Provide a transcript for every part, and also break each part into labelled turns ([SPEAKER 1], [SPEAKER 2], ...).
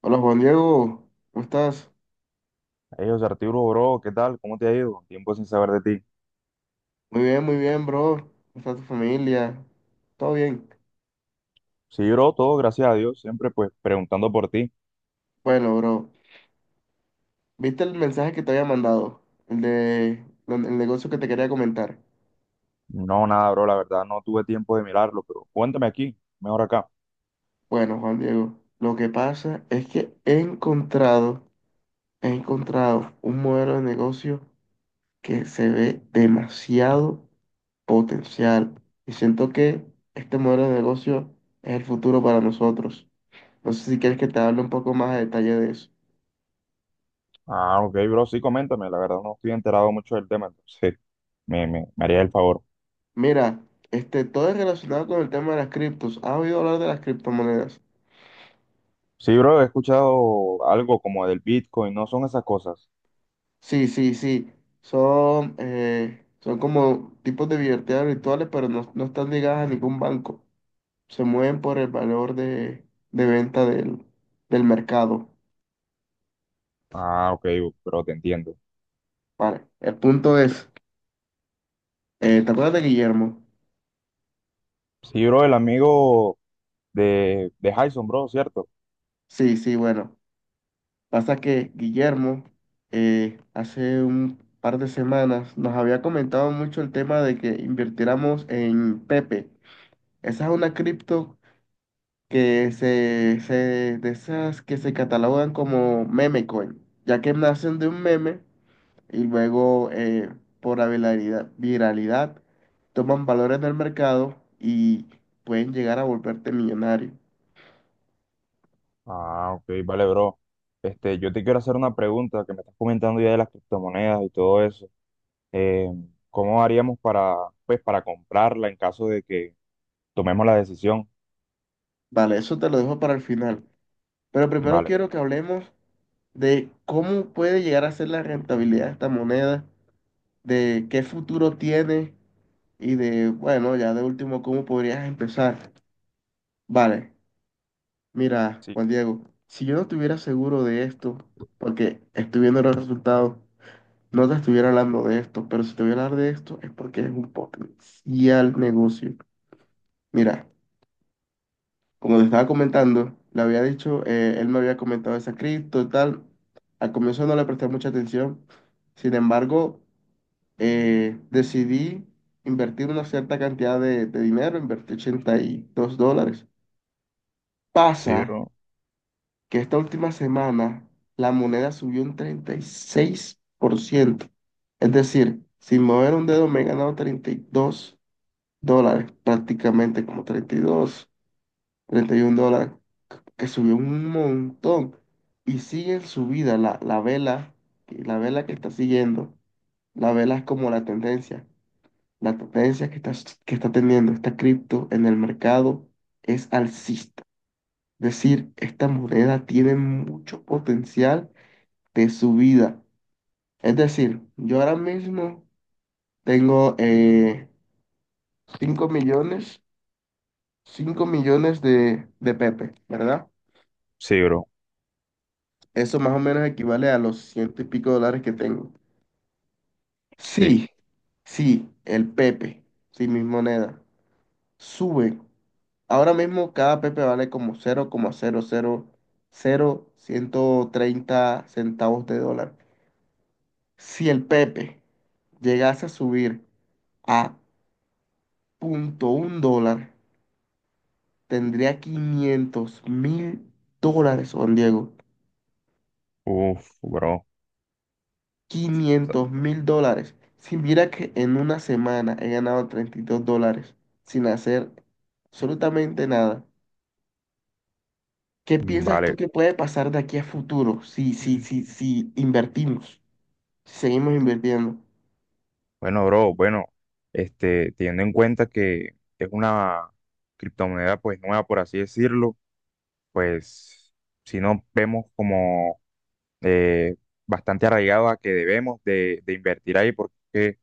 [SPEAKER 1] Hola, Juan Diego, ¿cómo estás?
[SPEAKER 2] Hey, José Arturo, bro, ¿qué tal? ¿Cómo te ha ido? Tiempo sin saber de ti.
[SPEAKER 1] Muy bien, bro. ¿Cómo está tu familia? ¿Todo bien?
[SPEAKER 2] Sí, bro, todo gracias a Dios, siempre pues preguntando por ti.
[SPEAKER 1] Bueno, bro, ¿viste el mensaje que te había mandado? El negocio que te quería comentar.
[SPEAKER 2] No, nada, bro, la verdad no tuve tiempo de mirarlo, pero cuéntame aquí, mejor acá.
[SPEAKER 1] Bueno, Juan Diego, lo que pasa es que he encontrado un modelo de negocio que se ve demasiado potencial. Y siento que este modelo de negocio es el futuro para nosotros. No sé si quieres que te hable un poco más a detalle de eso.
[SPEAKER 2] Ah, ok, bro, sí, coméntame, la verdad no estoy enterado mucho del tema, entonces me haría el favor.
[SPEAKER 1] Mira, todo es relacionado con el tema de las criptos. ¿Has oído hablar de las criptomonedas?
[SPEAKER 2] Sí, bro, he escuchado algo como del Bitcoin, no son esas cosas.
[SPEAKER 1] Sí, sí, sí. Son como tipos de billeteras virtuales, pero no, no están ligadas a ningún banco. Se mueven por el valor de venta del mercado.
[SPEAKER 2] Ah, ok, bro, te entiendo.
[SPEAKER 1] Vale. El punto es, ¿te acuerdas de Guillermo?
[SPEAKER 2] Sí, bro, el amigo de Jason, bro, ¿cierto?
[SPEAKER 1] Sí, sí, bueno. Pasa que Guillermo hace un par de semanas nos había comentado mucho el tema de que invirtiéramos en Pepe. Esa es una cripto de esas que se catalogan como meme coin, ya que nacen de un meme y luego por la viralidad toman valor en el mercado y pueden llegar a volverte millonario.
[SPEAKER 2] Ah, ok, vale, bro. Este, yo te quiero hacer una pregunta que me estás comentando ya de las criptomonedas y todo eso. Eh, ¿Cómo haríamos para, pues, para comprarla en caso de que tomemos la decisión?
[SPEAKER 1] Vale, eso te lo dejo para el final. Pero primero
[SPEAKER 2] Vale,
[SPEAKER 1] quiero
[SPEAKER 2] bro.
[SPEAKER 1] que hablemos de cómo puede llegar a ser la rentabilidad de esta moneda, de qué futuro tiene y de, bueno, ya de último, cómo podrías empezar. Vale. Mira,
[SPEAKER 2] Sí,
[SPEAKER 1] Juan Diego, si yo no estuviera seguro de esto, porque estoy viendo los resultados, no te estuviera hablando de esto, pero si te voy a hablar de esto es porque es un potencial negocio. Mira, como te estaba comentando, le había dicho, él me había comentado esa cripto y tal. Al comienzo no le presté mucha atención, sin embargo, decidí invertir una cierta cantidad de dinero, invertí $82.
[SPEAKER 2] sí,
[SPEAKER 1] Pasa
[SPEAKER 2] bro.
[SPEAKER 1] que esta última semana la moneda subió un 36%. Es decir, sin mover un dedo me he ganado $32, prácticamente como treinta treinta y dos treinta y $31, que subió un montón. Y sigue en subida la vela, la vela que está siguiendo. La vela es como la tendencia. La tendencia que está teniendo esta cripto en el mercado es alcista. Es decir, esta moneda tiene mucho potencial de su vida. Es decir, yo ahora mismo tengo 5 millones, 5 millones de Pepe, ¿verdad?
[SPEAKER 2] Sí, bro.
[SPEAKER 1] Eso más o menos equivale a los ciento y pico dólares que tengo.
[SPEAKER 2] Sí.
[SPEAKER 1] Sí, sí, el Pepe, sí, mis monedas, sube. Ahora mismo cada Pepe vale como cero coma ciento treinta centavos de dólar. Si el Pepe llegase a subir a punto un dólar, tendría $500.000, Juan Diego.
[SPEAKER 2] Uf, bro.
[SPEAKER 1] $500.000. Si mira que en una semana he ganado $32 sin hacer absolutamente nada. ¿Qué
[SPEAKER 2] Mm.
[SPEAKER 1] piensas tú
[SPEAKER 2] Vale.
[SPEAKER 1] que puede pasar de aquí a futuro si invertimos, si seguimos invirtiendo?
[SPEAKER 2] Bueno, bro, bueno, este, teniendo en cuenta que es una criptomoneda pues nueva, por así decirlo, pues si no vemos como eh, bastante arraigado a que debemos de invertir ahí porque,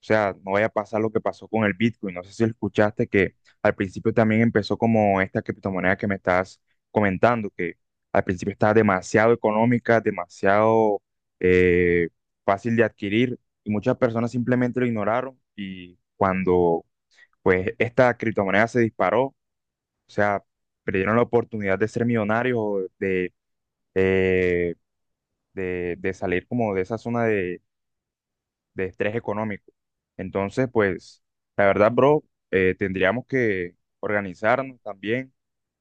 [SPEAKER 2] o sea, no vaya a pasar lo que pasó con el Bitcoin. No sé si escuchaste que al principio también empezó como esta criptomoneda que me estás comentando, que al principio estaba demasiado económica, demasiado eh, fácil de adquirir y muchas personas simplemente lo ignoraron y cuando pues esta criptomoneda se disparó, o sea, perdieron la oportunidad de ser millonarios o de eh, de salir como de esa zona de estrés económico. Entonces, pues, la verdad, bro, tendríamos que organizarnos también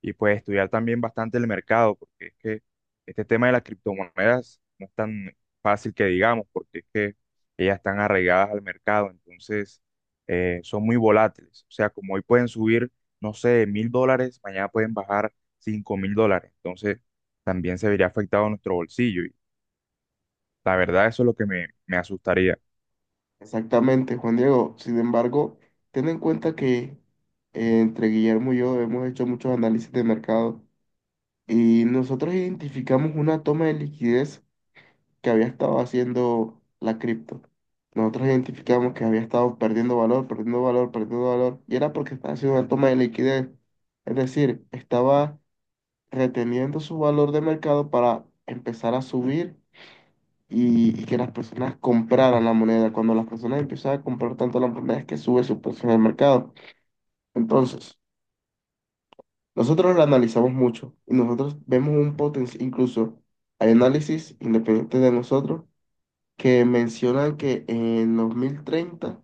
[SPEAKER 2] y pues estudiar también bastante el mercado, porque es que este tema de las criptomonedas no es tan fácil que digamos, porque es que ellas están arraigadas al mercado, entonces son muy volátiles. O sea, como hoy pueden subir, no sé, 1.000 dólares, mañana pueden bajar 5.000 dólares. Entonces, también se vería afectado nuestro bolsillo. La verdad, eso es lo que me asustaría.
[SPEAKER 1] Exactamente, Juan Diego. Sin embargo, ten en cuenta que entre Guillermo y yo hemos hecho muchos análisis de mercado y nosotros identificamos una toma de liquidez que había estado haciendo la cripto. Nosotros identificamos que había estado perdiendo valor, perdiendo valor, perdiendo valor, y era porque estaba haciendo una toma de liquidez. Es decir, estaba reteniendo su valor de mercado para empezar a subir y que las personas compraran la moneda. Cuando las personas empiezan a comprar tanto la moneda es que sube su precio en el mercado. Entonces, nosotros lo analizamos mucho y nosotros vemos un potencial; incluso hay análisis independientes de nosotros que mencionan que en 2030,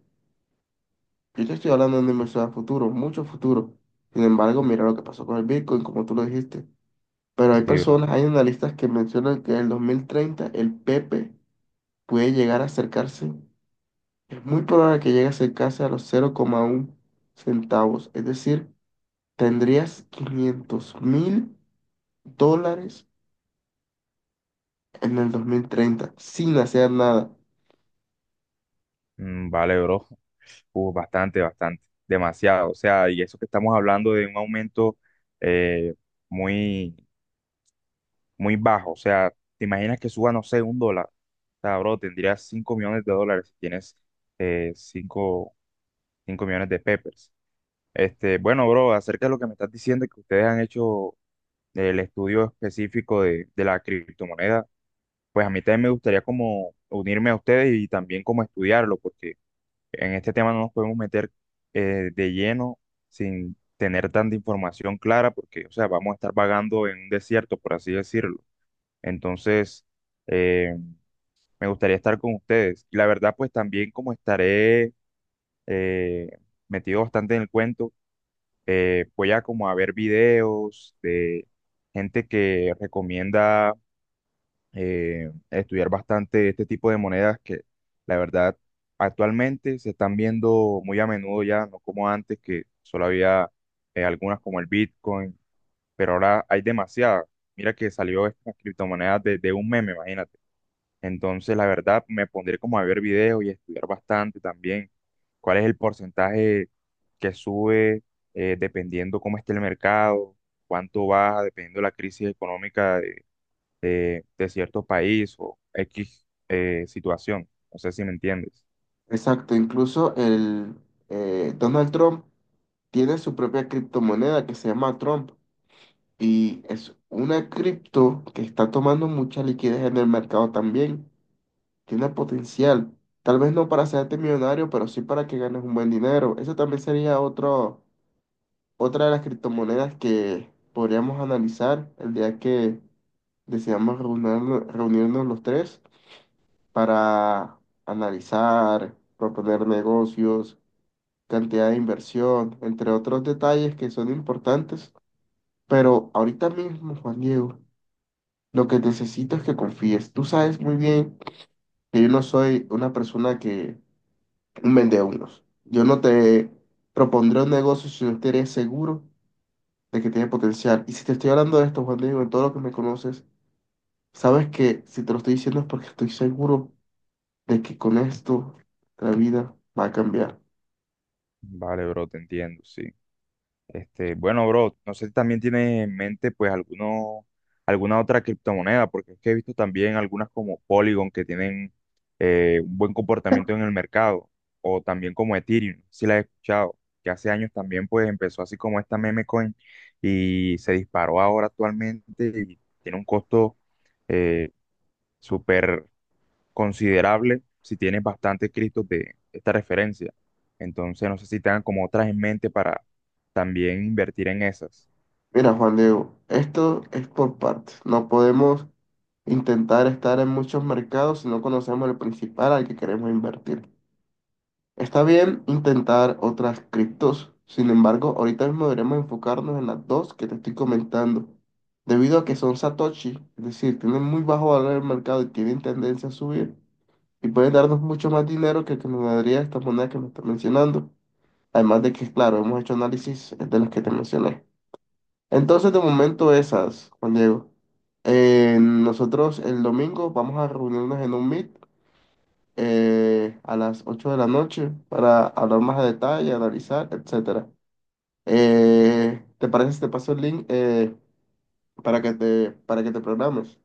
[SPEAKER 1] yo te estoy hablando de una inversión a futuro, mucho futuro. Sin embargo, mira lo que pasó con el Bitcoin, como tú lo dijiste. Pero hay
[SPEAKER 2] Sí, bro.
[SPEAKER 1] personas, hay analistas que mencionan que en el 2030 el Pepe puede llegar a acercarse, es muy probable que llegue a acercarse a los 0,1 centavos. Es decir, tendrías $500.000 en el 2030 sin hacer nada.
[SPEAKER 2] Mm. Vale, bro. Uf, bastante, bastante. Demasiado. O sea, y eso que estamos hablando de un aumento eh, muy, muy bajo. O sea, te imaginas que suba, no sé, un dólar. O sea, bro, tendrías 5.000.000 de dólares si tienes eh, cinco 5.000.000 de peppers. Este, bueno, bro, acerca de lo que me estás diciendo, que ustedes han hecho el estudio específico de la criptomoneda. Pues a mí también me gustaría como unirme a ustedes y también como estudiarlo, porque en este tema no nos podemos meter de lleno sin tener tanta información clara, porque, o sea, vamos a estar vagando en un desierto, por así decirlo. Entonces, eh, me gustaría estar con ustedes. Y la verdad, pues también como estaré eh, metido bastante en el cuento, voy a como a ver videos de gente que recomienda estudiar bastante este tipo de monedas que la verdad actualmente se están viendo muy a menudo ya, no como antes que solo había algunas como el Bitcoin, pero ahora hay demasiadas. Mira que salió estas criptomonedas de un meme, imagínate. Entonces la verdad me pondré como a ver videos y estudiar bastante también cuál es el porcentaje que sube dependiendo cómo esté el mercado, cuánto baja dependiendo de la crisis económica de cierto país o X situación. No sé si me entiendes.
[SPEAKER 1] Exacto, incluso el Donald Trump tiene su propia criptomoneda que se llama Trump, y es una cripto que está tomando mucha liquidez en el mercado también. Tiene potencial, tal vez no para hacerte millonario, pero sí para que ganes un buen dinero. Eso también sería otra de las criptomonedas que podríamos analizar el día que deseamos reunirnos los tres para analizar, proponer negocios, cantidad de inversión, entre otros detalles que son importantes. Pero ahorita mismo, Juan Diego, lo que necesito es que confíes. Tú sabes muy bien que yo no soy una persona que un vendehumos. Yo no te propondré un negocio si no eres seguro de que tiene potencial. Y si te estoy hablando de esto, Juan Diego, en todo lo que me conoces, sabes que si te lo estoy diciendo es porque estoy seguro de que con esto la vida va a cambiar.
[SPEAKER 2] Vale, bro, te entiendo, sí. Este, bueno, bro, no sé si también tienes en mente pues alguno, alguna otra criptomoneda, porque es que he visto también algunas como Polygon que tienen un buen comportamiento en el mercado, o también como Ethereum, si la he escuchado, que hace años también pues empezó así como esta meme coin y se disparó ahora actualmente y tiene un costo eh, súper considerable si tienes bastantes Cristos de esta referencia. Entonces, no sé si tengan como otras en mente para también invertir en esas.
[SPEAKER 1] Mira, Juan Diego, esto es por partes. No podemos intentar estar en muchos mercados si no conocemos el principal al que queremos invertir. Está bien intentar otras criptos, sin embargo, ahorita mismo deberemos enfocarnos en las dos que te estoy comentando. Debido a que son Satoshi, es decir, tienen muy bajo valor en el mercado y tienen tendencia a subir, y pueden darnos mucho más dinero que el que nos daría esta moneda que me estás mencionando. Además de que, claro, hemos hecho análisis de las que te mencioné. Entonces, de momento esas, Juan Diego. Nosotros el domingo vamos a reunirnos en un meet a las 8 de la noche para hablar más a detalle, analizar, etcétera. ¿Te parece si te paso el link para que te programes?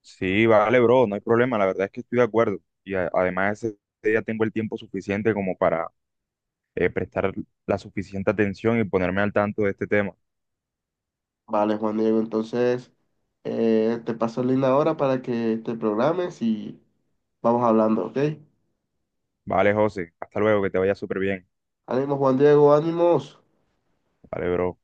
[SPEAKER 2] Sí, vale, bro, no hay problema. La verdad es que estoy de acuerdo. Y además, ese día tengo el tiempo suficiente como para prestar la suficiente atención y ponerme al tanto de este tema.
[SPEAKER 1] Vale, Juan Diego, entonces te paso el link ahora para que te programes y vamos hablando, ¿ok?
[SPEAKER 2] Vale, José, hasta luego, que te vaya súper bien.
[SPEAKER 1] Ánimo, Juan Diego, ánimos.
[SPEAKER 2] Vale, bro.